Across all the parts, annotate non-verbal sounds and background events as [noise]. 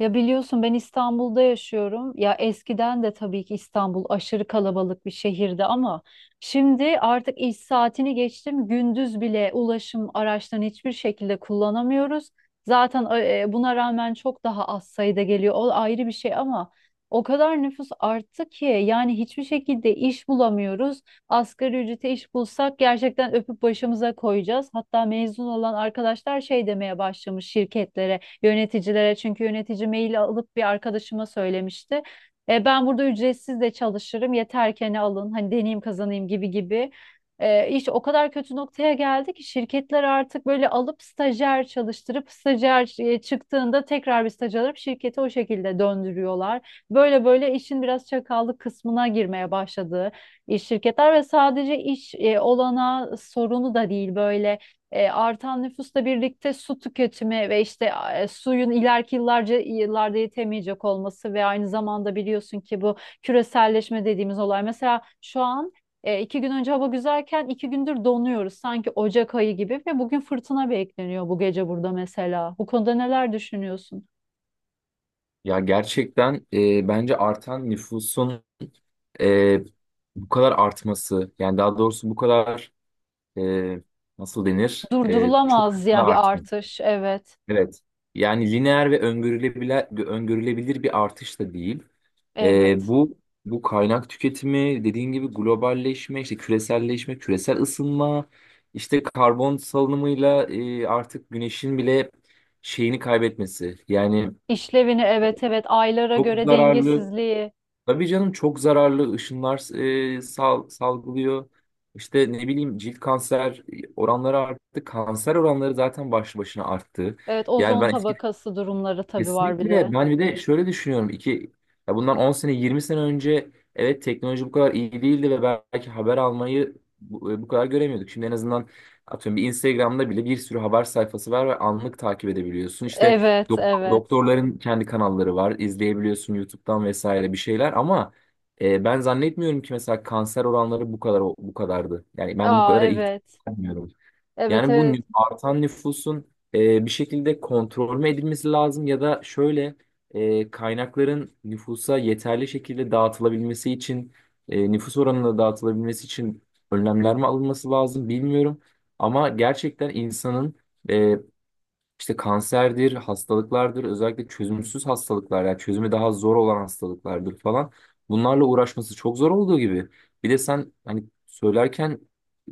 Ya biliyorsun ben İstanbul'da yaşıyorum. Ya eskiden de tabii ki İstanbul aşırı kalabalık bir şehirdi ama şimdi artık iş saatini geçtim. Gündüz bile ulaşım araçlarını hiçbir şekilde kullanamıyoruz. Zaten buna rağmen çok daha az sayıda geliyor. O ayrı bir şey ama o kadar nüfus arttı ki yani hiçbir şekilde iş bulamıyoruz. Asgari ücrete iş bulsak gerçekten öpüp başımıza koyacağız. Hatta mezun olan arkadaşlar şey demeye başlamış şirketlere yöneticilere. Çünkü yönetici mail alıp bir arkadaşıma söylemişti. Ben burada ücretsiz de çalışırım. Yeter ki hani alın. Hani deneyim kazanayım gibi gibi. İş o kadar kötü noktaya geldi ki şirketler artık böyle alıp stajyer çalıştırıp stajyer çıktığında tekrar bir staj alıp şirketi o şekilde döndürüyorlar. Böyle böyle işin biraz çakallık kısmına girmeye başladı iş şirketler ve sadece iş olana sorunu da değil böyle artan nüfusla birlikte su tüketimi ve işte suyun ileriki yıllarda yetemeyecek olması ve aynı zamanda biliyorsun ki bu küreselleşme dediğimiz olay. Mesela şu an 2 gün önce hava güzelken 2 gündür donuyoruz sanki Ocak ayı gibi ve bugün fırtına bekleniyor bu gece burada mesela. Bu konuda neler düşünüyorsun? Ya gerçekten, bence artan nüfusun e, bu kadar artması, yani daha doğrusu bu kadar e, nasıl denir, çok Durdurulamaz hızlı yani bir artması. artış. Evet, Evet. Yani lineer ve öngörülebilir, bir artış da değil. E, evet. bu bu kaynak tüketimi dediğin gibi globalleşme, işte küreselleşme, küresel ısınma, işte karbon salınımıyla artık güneşin bile şeyini kaybetmesi. Yani İşlevini, evet, evet, aylara çok göre zararlı. dengesizliği. Tabii canım, çok zararlı ışınlar salgılıyor. İşte ne bileyim, cilt kanser oranları arttı. Kanser oranları zaten başlı başına arttı. Evet, Yani ozon ben eski tabakası durumları tabii var bir Kesinlikle, de. ben bir de şöyle düşünüyorum. İki ya bundan 10 sene 20 sene önce evet, teknoloji bu kadar iyi değildi ve belki haber almayı bu kadar göremiyorduk. Şimdi en azından atıyorum bir Instagram'da bile bir sürü haber sayfası var ve anlık takip edebiliyorsun. İşte Evet, evet. doktorların kendi kanalları var, izleyebiliyorsun YouTube'dan vesaire bir şeyler. Ama ben zannetmiyorum ki mesela kanser oranları bu kadar bu kadardı. Yani ben bu Aa, kadar ihtiyaç evet. duymuyorum. Evet, Yani bu evet. Artan nüfusun bir şekilde kontrol mü edilmesi lazım, ya da şöyle, kaynakların nüfusa yeterli şekilde dağıtılabilmesi için, nüfus oranına dağıtılabilmesi için önlemler mi alınması lazım, bilmiyorum. Ama gerçekten, insanın e, işte kanserdir, hastalıklardır, özellikle çözümsüz hastalıklar, yani çözümü daha zor olan hastalıklardır falan, bunlarla uğraşması çok zor olduğu gibi. Bir de sen hani söylerken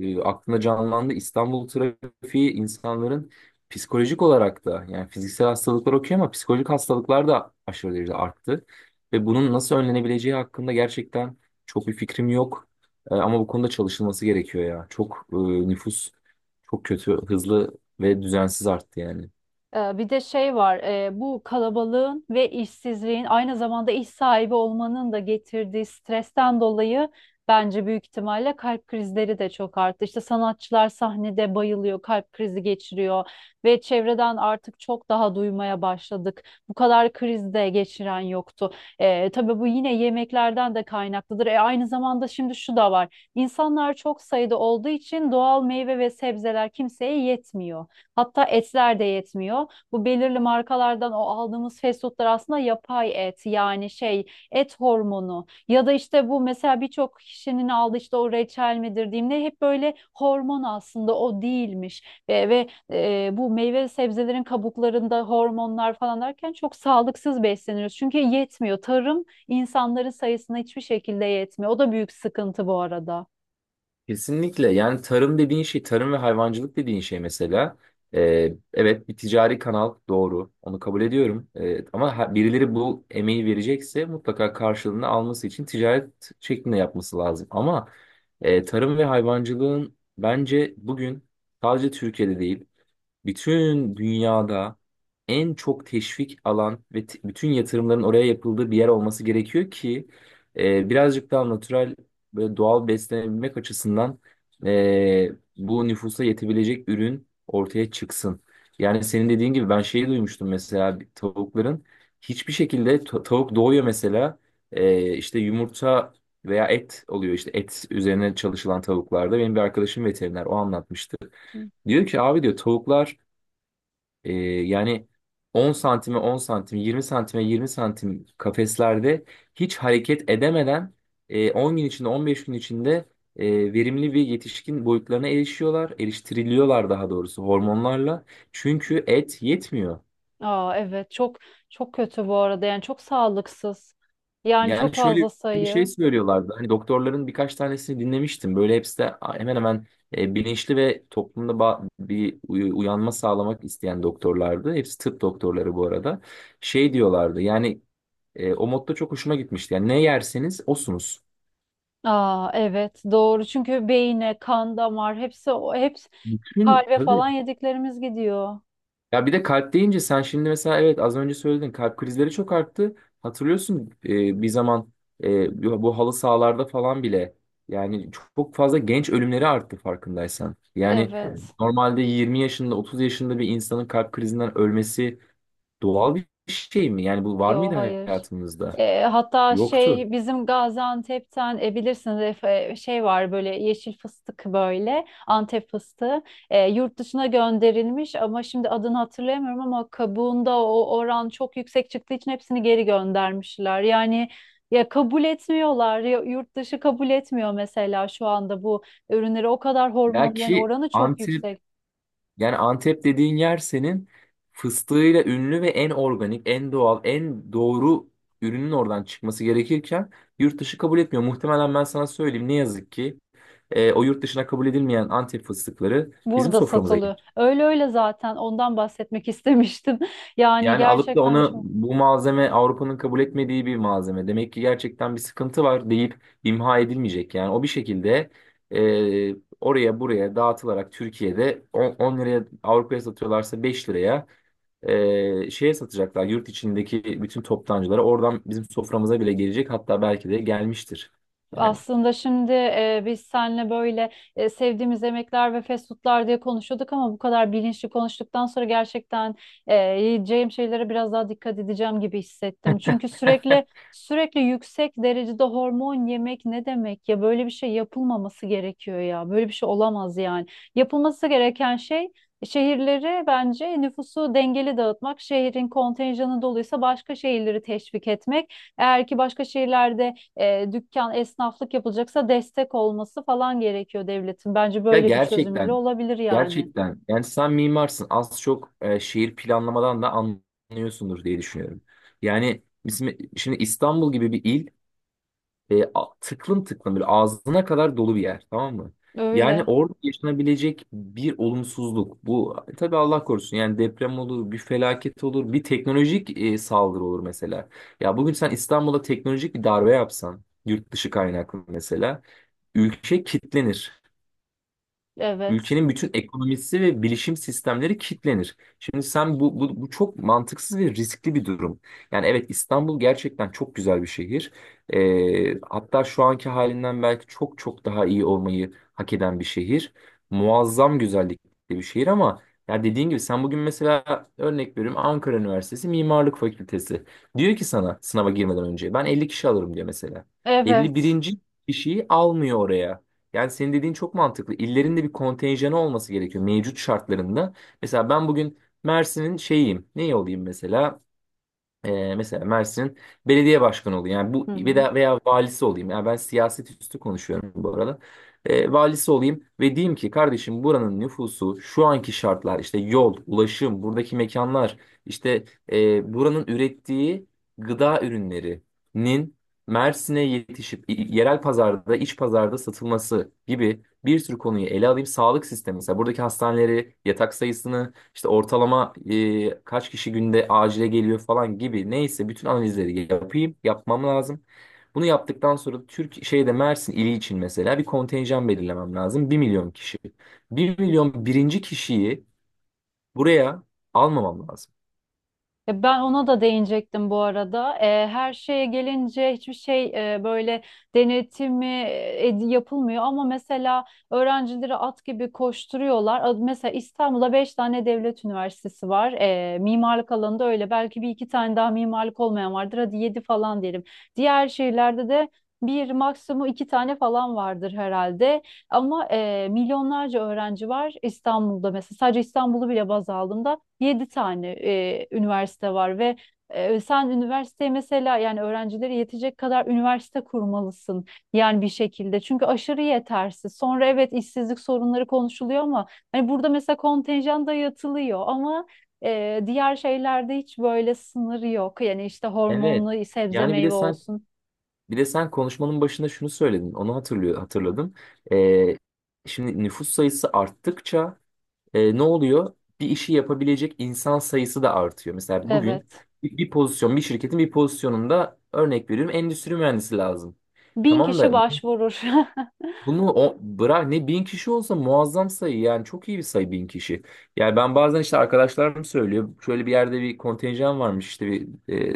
aklına canlandı, İstanbul trafiği. İnsanların psikolojik olarak da, yani fiziksel hastalıklar okey, ama psikolojik hastalıklar da aşırı derecede arttı. Ve bunun nasıl önlenebileceği hakkında gerçekten çok bir fikrim yok. Ama bu konuda çalışılması gerekiyor ya. Çok nüfus çok kötü, hızlı ve düzensiz arttı yani. Bir de şey var, bu kalabalığın ve işsizliğin aynı zamanda iş sahibi olmanın da getirdiği stresten dolayı bence büyük ihtimalle kalp krizleri de çok arttı. İşte sanatçılar sahnede bayılıyor, kalp krizi geçiriyor ve çevreden artık çok daha duymaya başladık. Bu kadar kriz de geçiren yoktu. Tabii bu yine yemeklerden de kaynaklıdır. Aynı zamanda şimdi şu da var, insanlar çok sayıda olduğu için doğal meyve ve sebzeler kimseye yetmiyor. Hatta etler de yetmiyor, bu belirli markalardan o aldığımız fast foodlar aslında yapay et, yani şey, et hormonu ya da işte bu, mesela birçok kişinin aldığı işte o reçel midir diyeyim ne, hep böyle hormon aslında, o değilmiş ve bu meyve ve sebzelerin kabuklarında hormonlar falan derken çok sağlıksız besleniyoruz, çünkü yetmiyor tarım, insanların sayısına hiçbir şekilde yetmiyor, o da büyük sıkıntı bu arada. Kesinlikle. Yani tarım dediğin şey, tarım ve hayvancılık dediğin şey mesela, evet, bir ticari kanal, doğru, onu kabul ediyorum. Ama birileri bu emeği verecekse, mutlaka karşılığını alması için ticaret şeklinde yapması lazım. Ama tarım ve hayvancılığın, bence bugün sadece Türkiye'de değil, bütün dünyada en çok teşvik alan ve bütün yatırımların oraya yapıldığı bir yer olması gerekiyor ki, birazcık daha natürel ve doğal beslenebilmek açısından e, bu nüfusa yetebilecek ürün ortaya çıksın. Yani senin dediğin gibi, ben şeyi duymuştum mesela. Bir tavukların hiçbir şekilde tavuk doğuyor mesela, işte yumurta veya et oluyor, işte et üzerine çalışılan tavuklarda. Benim bir arkadaşım veteriner, o anlatmıştı. Diyor ki, abi diyor, tavuklar yani 10 santime 10 santim, 20 santime 20 santim kafeslerde hiç hareket edemeden, 10 gün içinde, 15 gün içinde, verimli bir yetişkin boyutlarına erişiyorlar. Eriştiriliyorlar daha doğrusu, hormonlarla. Çünkü et yetmiyor. Aa, evet, çok çok kötü bu arada yani, çok sağlıksız. Yani çok Yani şöyle fazla bir sayı. şey söylüyorlardı. Hani doktorların birkaç tanesini dinlemiştim. Böyle hepsi de hemen hemen bilinçli ve toplumda bir uyanma sağlamak isteyen doktorlardı. Hepsi tıp doktorları bu arada. Şey diyorlardı yani. O modda çok hoşuma gitmişti: yani ne yerseniz osunuz. Aa, evet, doğru, çünkü beyine, kan, damar, hepsi, o hepsi Bütün kalbe tabii. falan yediklerimiz gidiyor. Ya bir de, kalp deyince sen şimdi mesela, evet az önce söyledin, kalp krizleri çok arttı. Hatırlıyorsun, bir zaman, bu halı sahalarda falan bile, yani çok fazla genç ölümleri arttı, farkındaysan. Yani Evet. normalde 20 yaşında, 30 yaşında bir insanın kalp krizinden ölmesi doğal bir şey mi? Yani bu var Yok, mıydı hayır. hayatımızda? Hatta Yoktu. şey, bizim Gaziantep'ten, bilirsiniz Efe, şey var böyle yeşil fıstık, böyle Antep fıstığı. Yurt dışına gönderilmiş ama şimdi adını hatırlayamıyorum, ama kabuğunda o oran çok yüksek çıktığı için hepsini geri göndermişler. Yani ya kabul etmiyorlar ya yurt dışı kabul etmiyor, mesela şu anda bu ürünleri, o kadar Ya hormon, yani ki oranı çok Antep yüksek. Yani Antep dediğin yer, senin fıstığıyla ünlü ve en organik, en doğal, en doğru ürünün oradan çıkması gerekirken, yurt dışı kabul etmiyor. Muhtemelen, ben sana söyleyeyim, ne yazık ki o yurt dışına kabul edilmeyen Antep fıstıkları bizim Burada soframıza... satılıyor. Öyle öyle, zaten ondan bahsetmek istemiştim. [laughs] Yani Yani alıp da gerçekten onu, çok. bu malzeme Avrupa'nın kabul etmediği bir malzeme. Demek ki gerçekten bir sıkıntı var deyip imha edilmeyecek. Yani o bir şekilde e, oraya buraya dağıtılarak, Türkiye'de 10, 10 liraya Avrupa'ya satıyorlarsa, 5 liraya şeye satacaklar. Yurt içindeki bütün toptancılara, oradan bizim soframıza bile gelecek, hatta belki de gelmiştir. Yani. Aslında şimdi biz seninle böyle sevdiğimiz yemekler ve fast foodlar diye konuşuyorduk, ama bu kadar bilinçli konuştuktan sonra gerçekten e, yiyeceğim şeylere biraz daha dikkat edeceğim gibi hissettim. Çünkü sürekli sürekli yüksek derecede hormon yemek ne demek ya? Böyle bir şey yapılmaması gerekiyor ya. Böyle bir şey olamaz yani. Yapılması gereken şey, şehirleri, bence nüfusu dengeli dağıtmak, şehrin kontenjanı doluysa başka şehirleri teşvik etmek. Eğer ki başka şehirlerde dükkan, esnaflık yapılacaksa destek olması falan gerekiyor devletin. Bence Ya böyle bir çözümüyle gerçekten, olabilir yani. Yani sen mimarsın. Az çok şehir planlamadan da anlıyorsundur diye düşünüyorum. Yani bizim şimdi İstanbul gibi bir il, tıklım tıklım, böyle ağzına kadar dolu bir yer, tamam mı? Yani Öyle. orada yaşanabilecek bir olumsuzluk, bu tabii Allah korusun. Yani deprem olur, bir felaket olur, bir teknolojik saldırı olur mesela. Ya bugün sen İstanbul'a teknolojik bir darbe yapsan, yurt dışı kaynaklı mesela, ülke kitlenir. Evet. Ülkenin bütün ekonomisi ve bilişim sistemleri kilitlenir. Şimdi sen, bu çok mantıksız ve riskli bir durum. Yani evet, İstanbul gerçekten çok güzel bir şehir. Hatta şu anki halinden belki çok çok daha iyi olmayı hak eden bir şehir, muazzam güzellikli bir şehir. Ama ya dediğin gibi, sen bugün mesela, örnek veriyorum, Ankara Üniversitesi Mimarlık Fakültesi diyor ki sana, sınava girmeden önce ben 50 kişi alırım diyor mesela. elli Evet. birinci kişiyi almıyor oraya. Yani senin dediğin çok mantıklı. İllerin de bir kontenjanı olması gerekiyor, mevcut şartlarında. Mesela ben bugün Mersin'in şeyiyim, ne olayım mesela? Mesela Mersin'in belediye başkanı olayım, yani bu, Hı hı. Veya valisi olayım. Yani ben siyaset üstü konuşuyorum bu arada. Valisi olayım ve diyeyim ki, kardeşim buranın nüfusu, şu anki şartlar, işte yol, ulaşım, buradaki mekanlar, işte buranın ürettiği gıda ürünlerinin Mersin'e yetişip, yerel pazarda, iç pazarda satılması gibi bir sürü konuyu ele alayım. Sağlık sistemi mesela, buradaki hastaneleri, yatak sayısını, işte ortalama kaç kişi günde acile geliyor falan gibi, neyse, bütün analizleri yapayım, yapmam lazım. Bunu yaptıktan sonra Türk şeyde, Mersin ili için mesela bir kontenjan belirlemem lazım: 1.000.000 kişi. 1.000.001'inci kişiyi buraya almamam lazım. Ben ona da değinecektim bu arada. Her şeye gelince hiçbir şey böyle denetimi yapılmıyor, ama mesela öğrencileri at gibi koşturuyorlar. Mesela İstanbul'da beş tane devlet üniversitesi var. Mimarlık alanında öyle. Belki bir iki tane daha mimarlık olmayan vardır. Hadi yedi falan diyelim. Diğer şehirlerde de bir maksimum iki tane falan vardır herhalde. Ama milyonlarca öğrenci var İstanbul'da mesela. Sadece İstanbul'u bile baz aldığımda. 7 tane üniversite var ve sen üniversiteye mesela, yani öğrencilere yetecek kadar üniversite kurmalısın yani bir şekilde. Çünkü aşırı yetersiz. Sonra evet, işsizlik sorunları konuşuluyor, ama hani burada mesela kontenjan dayatılıyor, ama diğer şeylerde hiç böyle sınır yok. Yani işte Evet. hormonlu sebze Yani bir de meyve sen olsun. bir de sen konuşmanın başında şunu söyledin, onu hatırladım. E, şimdi nüfus sayısı arttıkça ne oluyor? Bir işi yapabilecek insan sayısı da artıyor. Mesela bugün Evet. bir pozisyon, bir şirketin bir pozisyonunda, örnek veriyorum, endüstri mühendisi lazım. Bin Tamam kişi da, başvurur. [laughs] bunu o, bırak ne bin kişi olsa muazzam sayı, yani çok iyi bir sayı bin kişi. Yani ben bazen işte, arkadaşlarım söylüyor, şöyle bir yerde bir kontenjan varmış, işte bir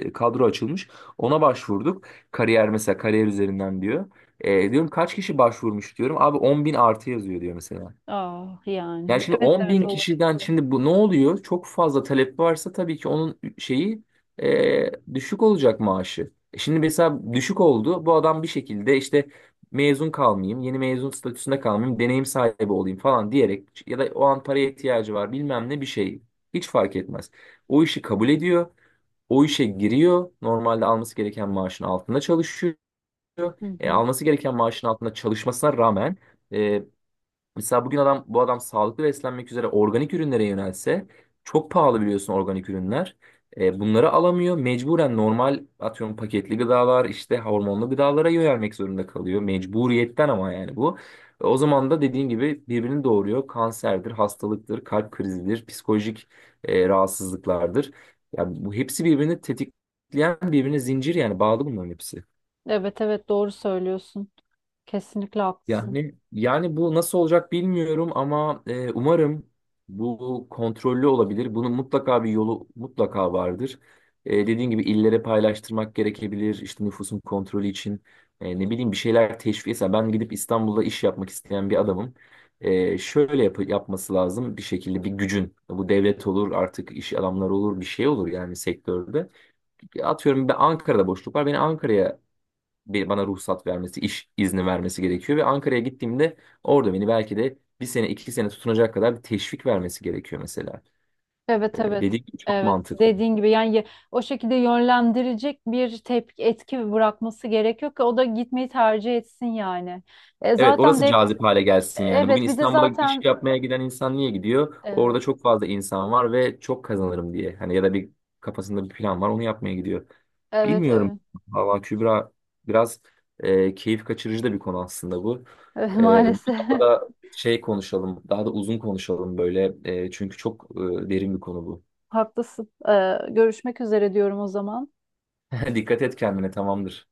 kadro açılmış, ona başvurduk. Kariyer mesela, kariyer üzerinden diyor. Diyorum kaç kişi başvurmuş, diyorum, abi 10 bin artı yazıyor diyor mesela. Ah yani. Yani şimdi Evet, 10 evet, bin olur. kişiden, şimdi bu ne oluyor? Çok fazla talep varsa, tabii ki onun şeyi düşük olacak maaşı. Şimdi mesela düşük oldu. Bu adam bir şekilde işte, mezun kalmayayım, yeni mezun statüsünde kalmayayım, deneyim sahibi olayım falan diyerek, ya da o an paraya ihtiyacı var, bilmem ne bir şey. Hiç fark etmez. O işi kabul ediyor. O işe giriyor. Normalde alması gereken maaşın altında çalışıyor. Hı hı. Alması gereken maaşın altında çalışmasına rağmen, mesela bugün adam, bu adam sağlıklı beslenmek üzere organik ürünlere yönelse, çok pahalı biliyorsun organik ürünler. Bunları alamıyor. Mecburen normal, atıyorum paketli gıdalar, işte hormonlu gıdalara yönelmek zorunda kalıyor, mecburiyetten. Ama yani bu, o zaman da dediğin gibi, birbirini doğuruyor. Kanserdir, hastalıktır, kalp krizidir, psikolojik rahatsızlıklardır. Yani bu hepsi birbirini tetikleyen, birbirine zincir yani, bağlı bunların hepsi. Evet, evet, doğru söylüyorsun. Kesinlikle haklısın. Yani bu nasıl olacak bilmiyorum, ama umarım bu kontrollü olabilir. Bunun mutlaka bir yolu mutlaka vardır. Dediğin gibi, illere paylaştırmak gerekebilir. İşte nüfusun kontrolü için ne bileyim, bir şeyler teşvik. Mesela ben gidip İstanbul'da iş yapmak isteyen bir adamım. Şöyle yapması lazım bir şekilde bir gücün. Bu devlet olur, artık iş adamları olur, bir şey olur, yani sektörde. Atıyorum ben, Ankara'da boşluk var. Beni Ankara'ya, bir, bana ruhsat vermesi, iş izni vermesi gerekiyor ve Ankara'ya gittiğimde orada beni belki de bir sene, iki sene tutunacak kadar bir teşvik vermesi gerekiyor mesela. Evet, evet. Dediğim gibi çok Evet. mantıklı. Dediğin gibi yani, o şekilde yönlendirecek bir tepki, etki bırakması gerekiyor ki o da gitmeyi tercih etsin yani. Evet, Zaten orası de hep. cazip hale gelsin yani. Bugün Evet. Bir de İstanbul'a iş zaten. yapmaya giden insan niye gidiyor? Evet, Orada çok fazla insan var ve çok kazanırım diye. Hani ya da bir kafasında bir plan var, onu yapmaya gidiyor. evet, Bilmiyorum. evet. Valla Kübra, biraz keyif kaçırıcı da bir konu aslında bu. [laughs] Evet, E, maalesef. daha da şey konuşalım, daha da uzun konuşalım böyle. Çünkü çok derin bir konu bu. [laughs] Haklısın. Görüşmek üzere diyorum o zaman. [laughs] Dikkat et kendine, tamamdır.